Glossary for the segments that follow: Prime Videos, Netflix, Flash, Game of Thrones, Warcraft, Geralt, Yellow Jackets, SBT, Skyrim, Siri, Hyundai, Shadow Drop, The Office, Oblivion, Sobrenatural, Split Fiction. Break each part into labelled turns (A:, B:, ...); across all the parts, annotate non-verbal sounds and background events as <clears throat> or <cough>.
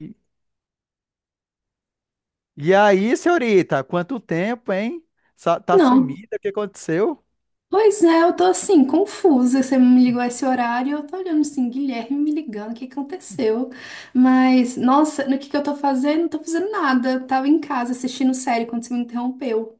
A: E e aí, senhorita, quanto tempo, hein? Tá
B: Não.
A: sumida, o que aconteceu?
B: Pois é, eu tô assim, confusa. Você me ligou a esse horário, eu tô olhando assim, Guilherme me ligando, o que aconteceu? Mas, nossa, no que eu tô fazendo? Não tô fazendo nada. Eu tava em casa assistindo série quando você me interrompeu.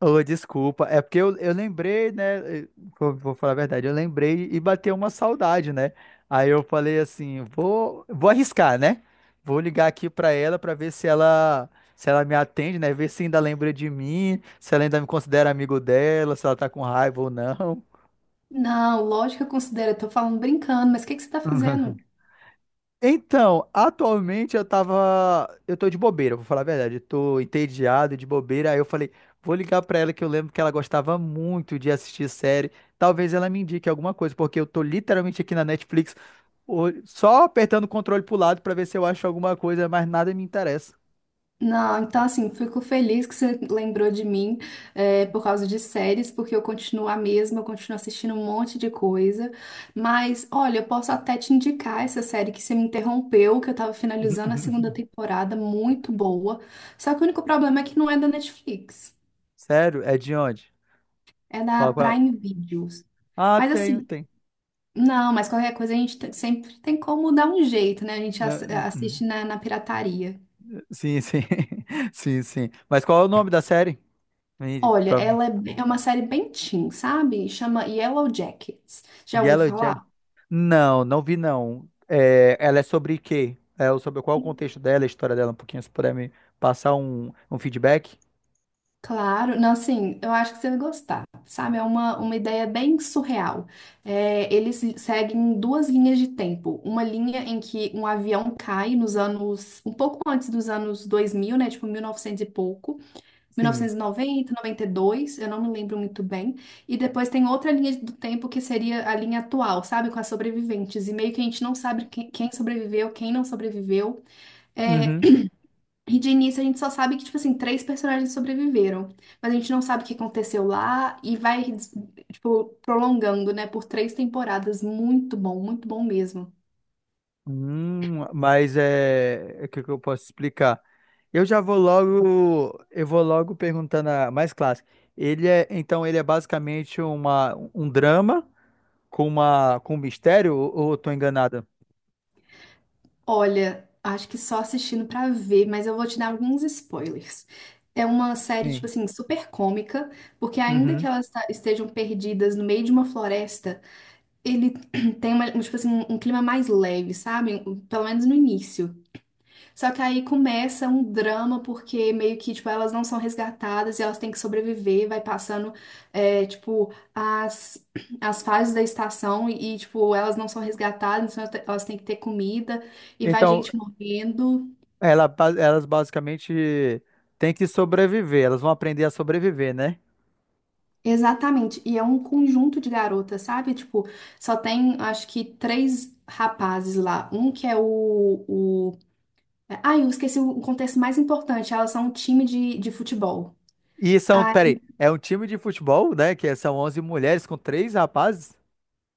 A: Ô, desculpa, é porque eu lembrei, né? Vou falar a verdade, eu lembrei e bateu uma saudade, né? Aí eu falei assim, vou arriscar, né? Vou ligar aqui pra ela pra ver se ela se ela me atende, né? Ver se ainda lembra de mim, se ela ainda me considera amigo dela, se ela tá com raiva ou não.
B: Não, lógico que eu considero, eu tô falando brincando, mas o que que você tá
A: <laughs>
B: fazendo?
A: Então, atualmente eu tava. Eu tô de bobeira, vou falar a verdade. Eu tô entediado de bobeira. Aí eu falei, vou ligar pra ela que eu lembro que ela gostava muito de assistir série. Talvez ela me indique alguma coisa, porque eu tô literalmente aqui na Netflix só apertando o controle pro lado pra ver se eu acho alguma coisa, mas nada me interessa.
B: Não, então assim, fico feliz que você lembrou de mim é, por causa de séries, porque eu continuo a mesma, eu continuo assistindo um monte de coisa. Mas, olha, eu posso até te indicar essa série que você me interrompeu, que eu tava finalizando a segunda
A: <laughs>
B: temporada, muito boa. Só que o único problema é que não é da Netflix,
A: Sério? É de onde?
B: é da
A: Fala qual.
B: Prime Videos.
A: Ah,
B: Mas
A: tenho,
B: assim,
A: tem.
B: não, mas qualquer coisa a gente sempre tem como dar um jeito, né? A gente
A: Não-
B: assiste na pirataria.
A: Sim, sim. <laughs> Sim, sim. Mas qual é o nome da série? Me-
B: Olha,
A: pra-
B: é uma série bem teen, sabe? Chama Yellow Jackets. Já ouviu
A: Yellow.
B: falar?
A: Não, não vi não. É, ela é sobre quê? Sobre qual o contexto dela, a história dela, um pouquinho, se puder me passar um feedback?
B: Claro, não, assim, eu acho que você vai gostar, sabe? É uma ideia bem surreal. É, eles seguem duas linhas de tempo. Uma linha em que um avião cai nos anos, um pouco antes dos anos 2000, né? Tipo, 1900 e pouco.
A: Sim.
B: 1990, 92, eu não me lembro muito bem. E depois tem outra linha do tempo que seria a linha atual, sabe? Com as sobreviventes. E meio que a gente não sabe quem sobreviveu, quem não sobreviveu. É,
A: Uhum.
B: e de início a gente só sabe que, tipo assim, três personagens sobreviveram. Mas a gente não sabe o que aconteceu lá e vai, tipo, prolongando, né? Por três temporadas. Muito bom mesmo.
A: Mas é, o que que eu posso explicar? Eu já vou logo, eu vou logo perguntando a mais clássica. Então ele é basicamente um drama com uma com um mistério ou eu tô enganada?
B: Olha, acho que só assistindo pra ver, mas eu vou te dar alguns spoilers. É uma série, tipo
A: Sim.
B: assim, super cômica, porque ainda que
A: Uhum.
B: elas estejam perdidas no meio de uma floresta, ele <clears throat> tem uma, tipo assim, um clima mais leve, sabe? Pelo menos no início. Só que aí começa um drama, porque meio que, tipo, elas não são resgatadas e elas têm que sobreviver, vai passando, é, tipo, as fases da estação e, tipo, elas não são resgatadas, então elas têm que ter comida e vai
A: Então,
B: gente morrendo.
A: Ela, elas basicamente têm que sobreviver, elas vão aprender a sobreviver, né?
B: Exatamente, e é um conjunto de garotas, sabe? Tipo, só tem, acho que, três rapazes lá. Um que é o... Ai, eu esqueci o contexto mais importante, elas são um time de futebol.
A: E são, peraí, é um time de futebol, né? Que é, são 11 mulheres com três rapazes?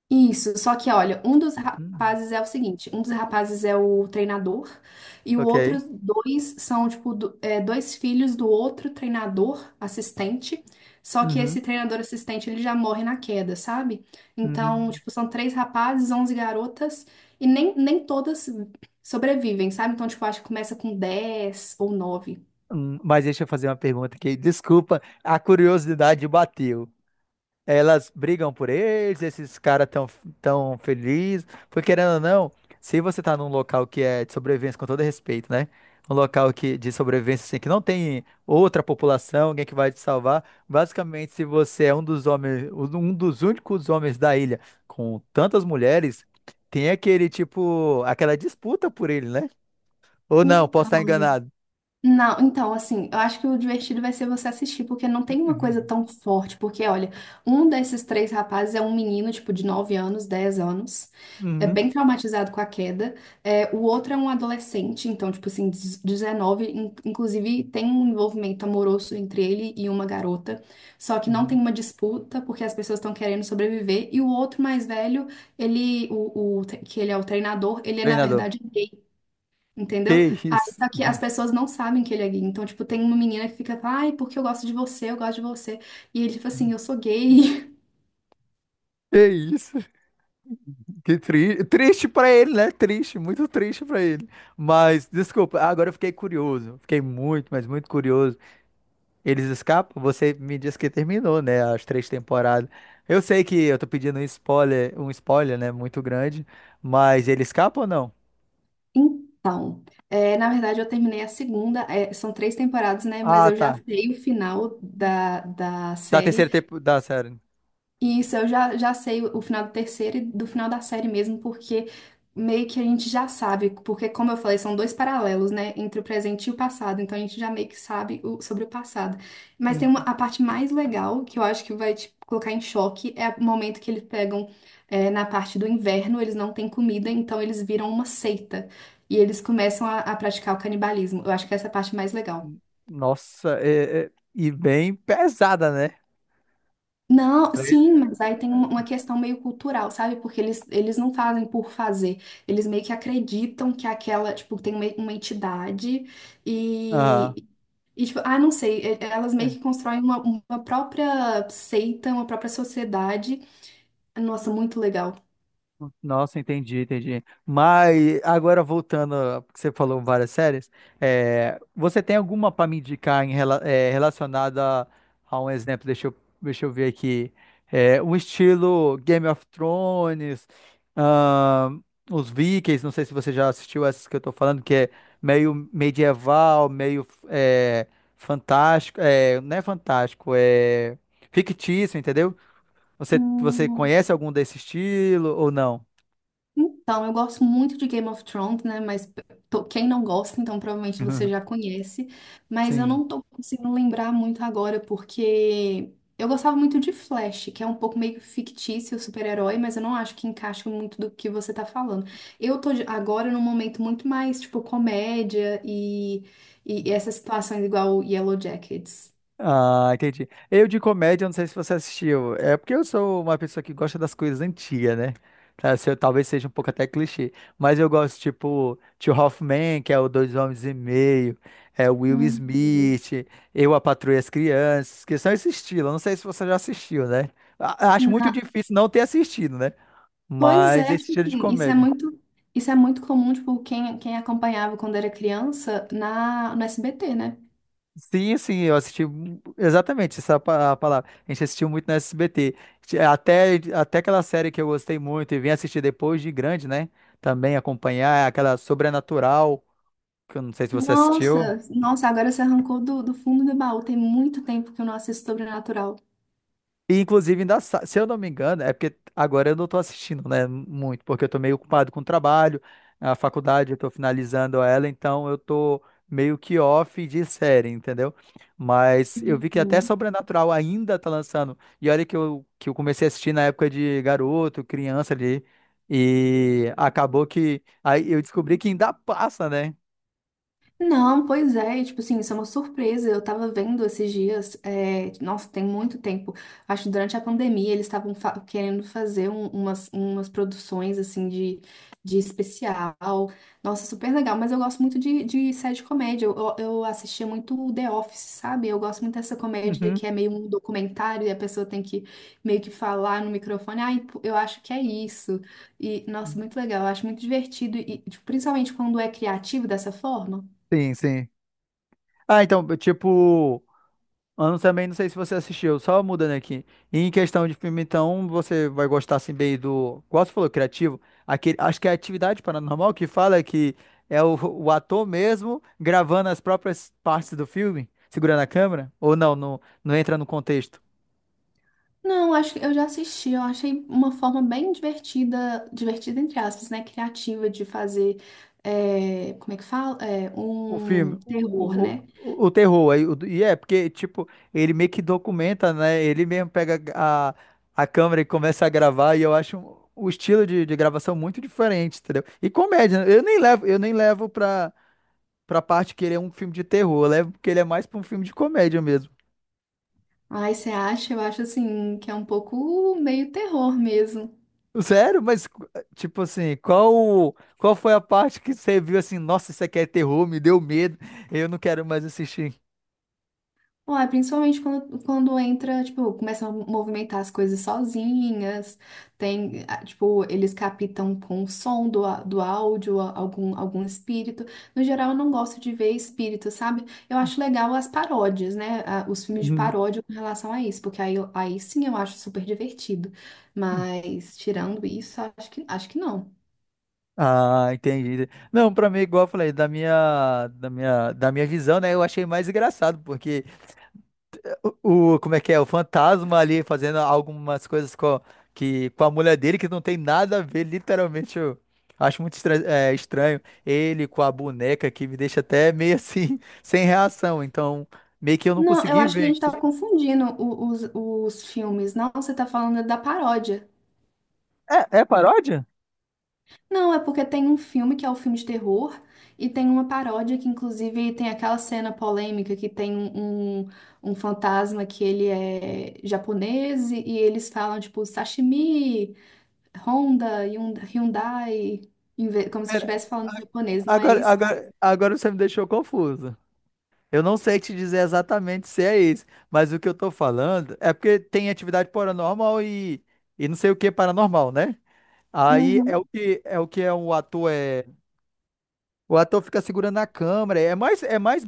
B: Isso, só que olha, um dos
A: Hum,
B: rapazes é o seguinte, um dos rapazes é o treinador e o outro
A: ok.
B: dois são tipo dois filhos do outro treinador assistente, só que
A: Uhum,
B: esse treinador assistente ele já morre na queda, sabe? Então,
A: uhum,
B: tipo, são três rapazes, 11 garotas e nem todas sobrevivem, sabe? Então, tipo, acho que começa com 10 ou nove.
A: uhum. Mas deixa eu fazer uma pergunta aqui. Desculpa, a curiosidade bateu. Elas brigam por eles, esses caras tão, tão felizes. Porque, querendo ou não, se você tá num local que é de sobrevivência, com todo respeito, né? Um local que, de sobrevivência, assim, que não tem outra população, alguém que vai te salvar. Basicamente, se você é um dos homens, um dos únicos homens da ilha com tantas mulheres, tem aquele, tipo, aquela disputa por ele, né? Ou não, posso estar enganado.
B: Não, então, assim, eu acho que o divertido vai ser você assistir, porque não tem uma coisa
A: Uhum,
B: tão forte. Porque, olha, um desses três rapazes é um menino, tipo, de 9 anos, 10 anos, é
A: uhum,
B: bem traumatizado com a queda. É, o outro é um adolescente, então, tipo assim, 19, inclusive tem um envolvimento amoroso entre ele e uma garota. Só que não tem
A: uhum.
B: uma disputa, porque as pessoas estão querendo sobreviver. E o outro mais velho, ele, que ele é o treinador, ele é, na
A: Treinador.
B: verdade, entendeu?
A: Que
B: Aí,
A: isso?
B: só que as pessoas não sabem que ele é gay. Então, tipo, tem uma menina que fica, ai, porque eu gosto de você, eu gosto de você. E ele, tipo assim, eu sou gay. <laughs>
A: Que isso? Que tri... triste pra ele, né? Triste, muito triste pra ele. Mas, desculpa, agora eu fiquei curioso. Fiquei muito, mas muito curioso. Eles escapam? Você me disse que terminou, né? As três temporadas. Eu sei que eu tô pedindo um spoiler, né? Muito grande. Mas ele escapa ou não?
B: Então, é, na verdade, eu terminei a segunda, é, são três temporadas, né? Mas
A: Ah,
B: eu já
A: tá.
B: sei o final da
A: Da
B: série.
A: terceira temporada, da série.
B: E isso, eu já sei o final do terceiro e do final da série mesmo, porque meio que a gente já sabe, porque como eu falei, são dois paralelos, né, entre o presente e o passado, então a gente já meio que sabe sobre o passado. Mas tem uma,
A: Uhum.
B: a parte mais legal, que eu acho que vai te colocar em choque, é o momento que eles pegam é, na parte do inverno, eles não têm comida, então eles viram uma seita, e eles começam a praticar o canibalismo. Eu acho que essa é a parte mais legal.
A: Nossa, e bem pesada, né?
B: Não,
A: Pra ele.
B: sim, mas aí tem uma questão meio cultural, sabe? Porque eles não fazem por fazer. Eles meio que acreditam que aquela, tipo, tem uma entidade
A: Aham.
B: e, e, tipo, ah, não sei, elas meio
A: É.
B: que constroem uma própria seita, uma própria sociedade. Nossa, muito legal.
A: Nossa, entendi, entendi. Mas agora voltando ao que você falou várias séries, é, você tem alguma para me indicar em, relacionada a, um exemplo? Deixa eu ver aqui. É, um estilo Game of Thrones, ahn, os Vikings, não sei se você já assistiu essas que eu tô falando, que é meio medieval, fantástico, é, não é fantástico, é fictício, entendeu? Você conhece algum desse estilo ou não?
B: Então, eu gosto muito de Game of Thrones, né? Mas quem não gosta, então provavelmente você já
A: <laughs>
B: conhece. Mas eu
A: Sim.
B: não tô conseguindo lembrar muito agora, porque eu gostava muito de Flash, que é um pouco meio fictício, super-herói, mas eu não acho que encaixa muito do que você tá falando. Eu agora num momento muito mais, tipo, comédia e essas situações igual Yellow Jackets.
A: Ah, entendi. Eu de comédia, não sei se você assistiu. É porque eu sou uma pessoa que gosta das coisas antigas, né? Tá, se eu- talvez seja um pouco até clichê. Mas eu gosto, tipo, Tio Hoffman, que é o Dois Homens e Meio, é o Will
B: Uhum.
A: Smith, eu, a Patroa e as Crianças, que são esse estilo. Eu não sei se você já assistiu, né? Acho muito difícil não ter assistido, né?
B: Pois
A: Mas
B: é,
A: esse
B: tipo
A: estilo de
B: assim, isso é
A: comédia.
B: muito, isso é muito comum, tipo, quem acompanhava quando era criança no SBT, né?
A: Sim, sim, eu assisti a palavra. A gente assistiu muito na SBT. Até, até aquela série que eu gostei muito e vim assistir depois de grande, né? Também acompanhar é aquela Sobrenatural, que eu não sei se você assistiu.
B: Nossa, nossa, agora você arrancou do fundo do baú. Tem muito tempo que eu não assisto Sobrenatural.
A: E, inclusive, ainda, se eu não me engano, é porque agora eu não estou assistindo, né, muito, porque eu estou meio ocupado com o trabalho, a faculdade, eu estou finalizando ela, então eu estou meio que off de série, entendeu? Mas eu vi que até
B: Uhum.
A: Sobrenatural ainda tá lançando, e olha que eu comecei a assistir na época de garoto, criança ali, e acabou que, aí eu descobri que ainda passa, né?
B: Não, pois é, e, tipo assim, isso é uma surpresa. Eu tava vendo esses dias, é, nossa, tem muito tempo. Acho que durante a pandemia eles estavam querendo fazer umas produções assim de especial. Nossa, super legal, mas eu gosto muito de série de comédia. Eu assistia muito o The Office, sabe? Eu gosto muito dessa comédia
A: Uhum.
B: que é meio um documentário e a pessoa tem que meio que falar no microfone, ai, pô, eu acho que é isso. E, nossa, muito legal, eu acho muito divertido, e, tipo, principalmente quando é criativo dessa forma.
A: Sim, sim. Ah, então, tipo, ano também, não sei se você assistiu, só mudando aqui. E em questão de filme, então, você vai gostar assim bem do. Igual você falou, criativo. Aquele, acho que é Atividade Paranormal que fala que é o ator mesmo gravando as próprias partes do filme, segurando a câmera. Ou não, não, não entra no contexto.
B: Não, acho que eu já assisti, eu achei uma forma bem divertida, divertida entre aspas, né? Criativa de fazer, é, como é que fala? É,
A: O filme,
B: um terror, né?
A: o terror, aí, o- E é, porque, tipo, ele meio que documenta, né? Ele mesmo pega a câmera e começa a gravar, e eu acho o estilo de gravação muito diferente, entendeu? E comédia, né? Eu nem levo pra, pra parte que ele é um filme de terror, eu levo porque ele é mais pra um filme de comédia mesmo.
B: Aí você acha, eu acho assim, que é um pouco meio terror mesmo.
A: Sério? Mas, tipo assim, qual foi a parte que você viu assim, nossa, isso aqui é terror, me deu medo, eu não quero mais assistir.
B: Ué, principalmente quando, quando entra, tipo, começam a movimentar as coisas sozinhas, tem, ah, tipo, eles captam com o som do áudio algum espírito. No geral, eu não gosto de ver espírito, sabe? Eu acho legal as paródias, né? Ah, os filmes de
A: Uhum.
B: paródia com relação a isso, porque aí sim eu acho super divertido. Mas, tirando isso, acho que não.
A: Ah, entendi. Não, pra mim, igual eu falei, da minha visão, né? Eu achei mais engraçado, porque o, como é que é? O fantasma ali fazendo algumas coisas com, que, com a mulher dele que não tem nada a ver, literalmente. Eu acho muito estranho. Ele com a boneca que me deixa até meio assim, <laughs> sem reação. Então, meio que eu não
B: Não, eu
A: consegui
B: acho que a
A: ver
B: gente tá
A: isso.
B: confundindo os filmes. Não, você tá falando da paródia.
A: É, é paródia?
B: Não, é porque tem um filme que é o filme de terror e tem uma paródia que, inclusive, tem aquela cena polêmica que tem um fantasma que ele é japonês e eles falam, tipo, sashimi, Honda, Hyundai, em como se
A: Pera,
B: estivesse falando japonês, não é esse?
A: Agora você me deixou confuso. Eu não sei te dizer exatamente se é esse, mas o que eu tô falando é porque tem atividade paranormal e não sei o que é paranormal, né? Aí é
B: Uhum,
A: o que é o que é, o ator fica segurando a câmera,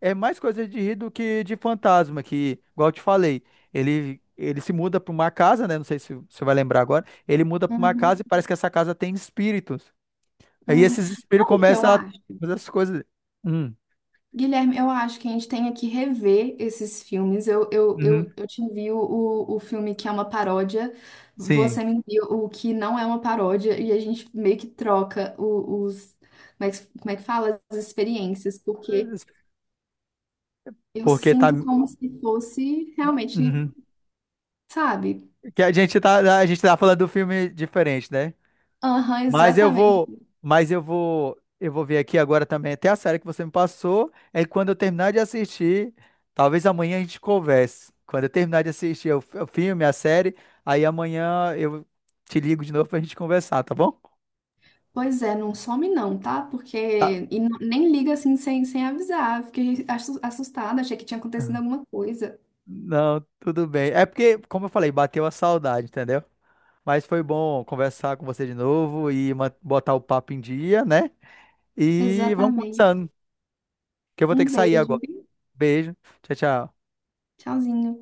A: é mais coisa de rir do que de fantasma, que igual eu te falei, ele se muda para uma casa, né? Não sei se você vai lembrar agora. Ele muda para uma
B: uhum,
A: casa e parece que essa casa tem espíritos. Aí
B: uhum.
A: esses espíritos
B: Sabe o que eu
A: começam a
B: acho?
A: fazer as coisas. Hum,
B: Guilherme, eu acho que a gente tem que rever esses filmes. Eu, eu,
A: uhum,
B: eu, eu te envio o filme que é uma paródia, você
A: sim.
B: me envia o que não é uma paródia, e a gente meio que troca os, como é que fala? As experiências, porque eu
A: Porque tá.
B: sinto como se fosse realmente,
A: Uhum.
B: sabe?
A: Que a gente tá falando do filme diferente, né?
B: Aham,
A: Mas eu vou,
B: exatamente.
A: mas eu vou ver aqui agora também até a série que você me passou. É quando eu terminar de assistir, talvez amanhã a gente converse. Quando eu terminar de assistir o filme, a série, aí amanhã eu te ligo de novo pra gente conversar, tá bom?
B: Pois é, não some não, tá? Porque. E nem liga assim sem avisar. Fiquei assustada, achei que tinha acontecido
A: Aham.
B: alguma coisa.
A: Não, tudo bem. É porque, como eu falei, bateu a saudade, entendeu? Mas foi bom conversar com você de novo e botar o papo em dia, né? E vamos
B: Exatamente.
A: conversando. Que eu vou ter
B: Um
A: que sair
B: beijo.
A: agora. Beijo. Tchau, tchau.
B: Tchauzinho.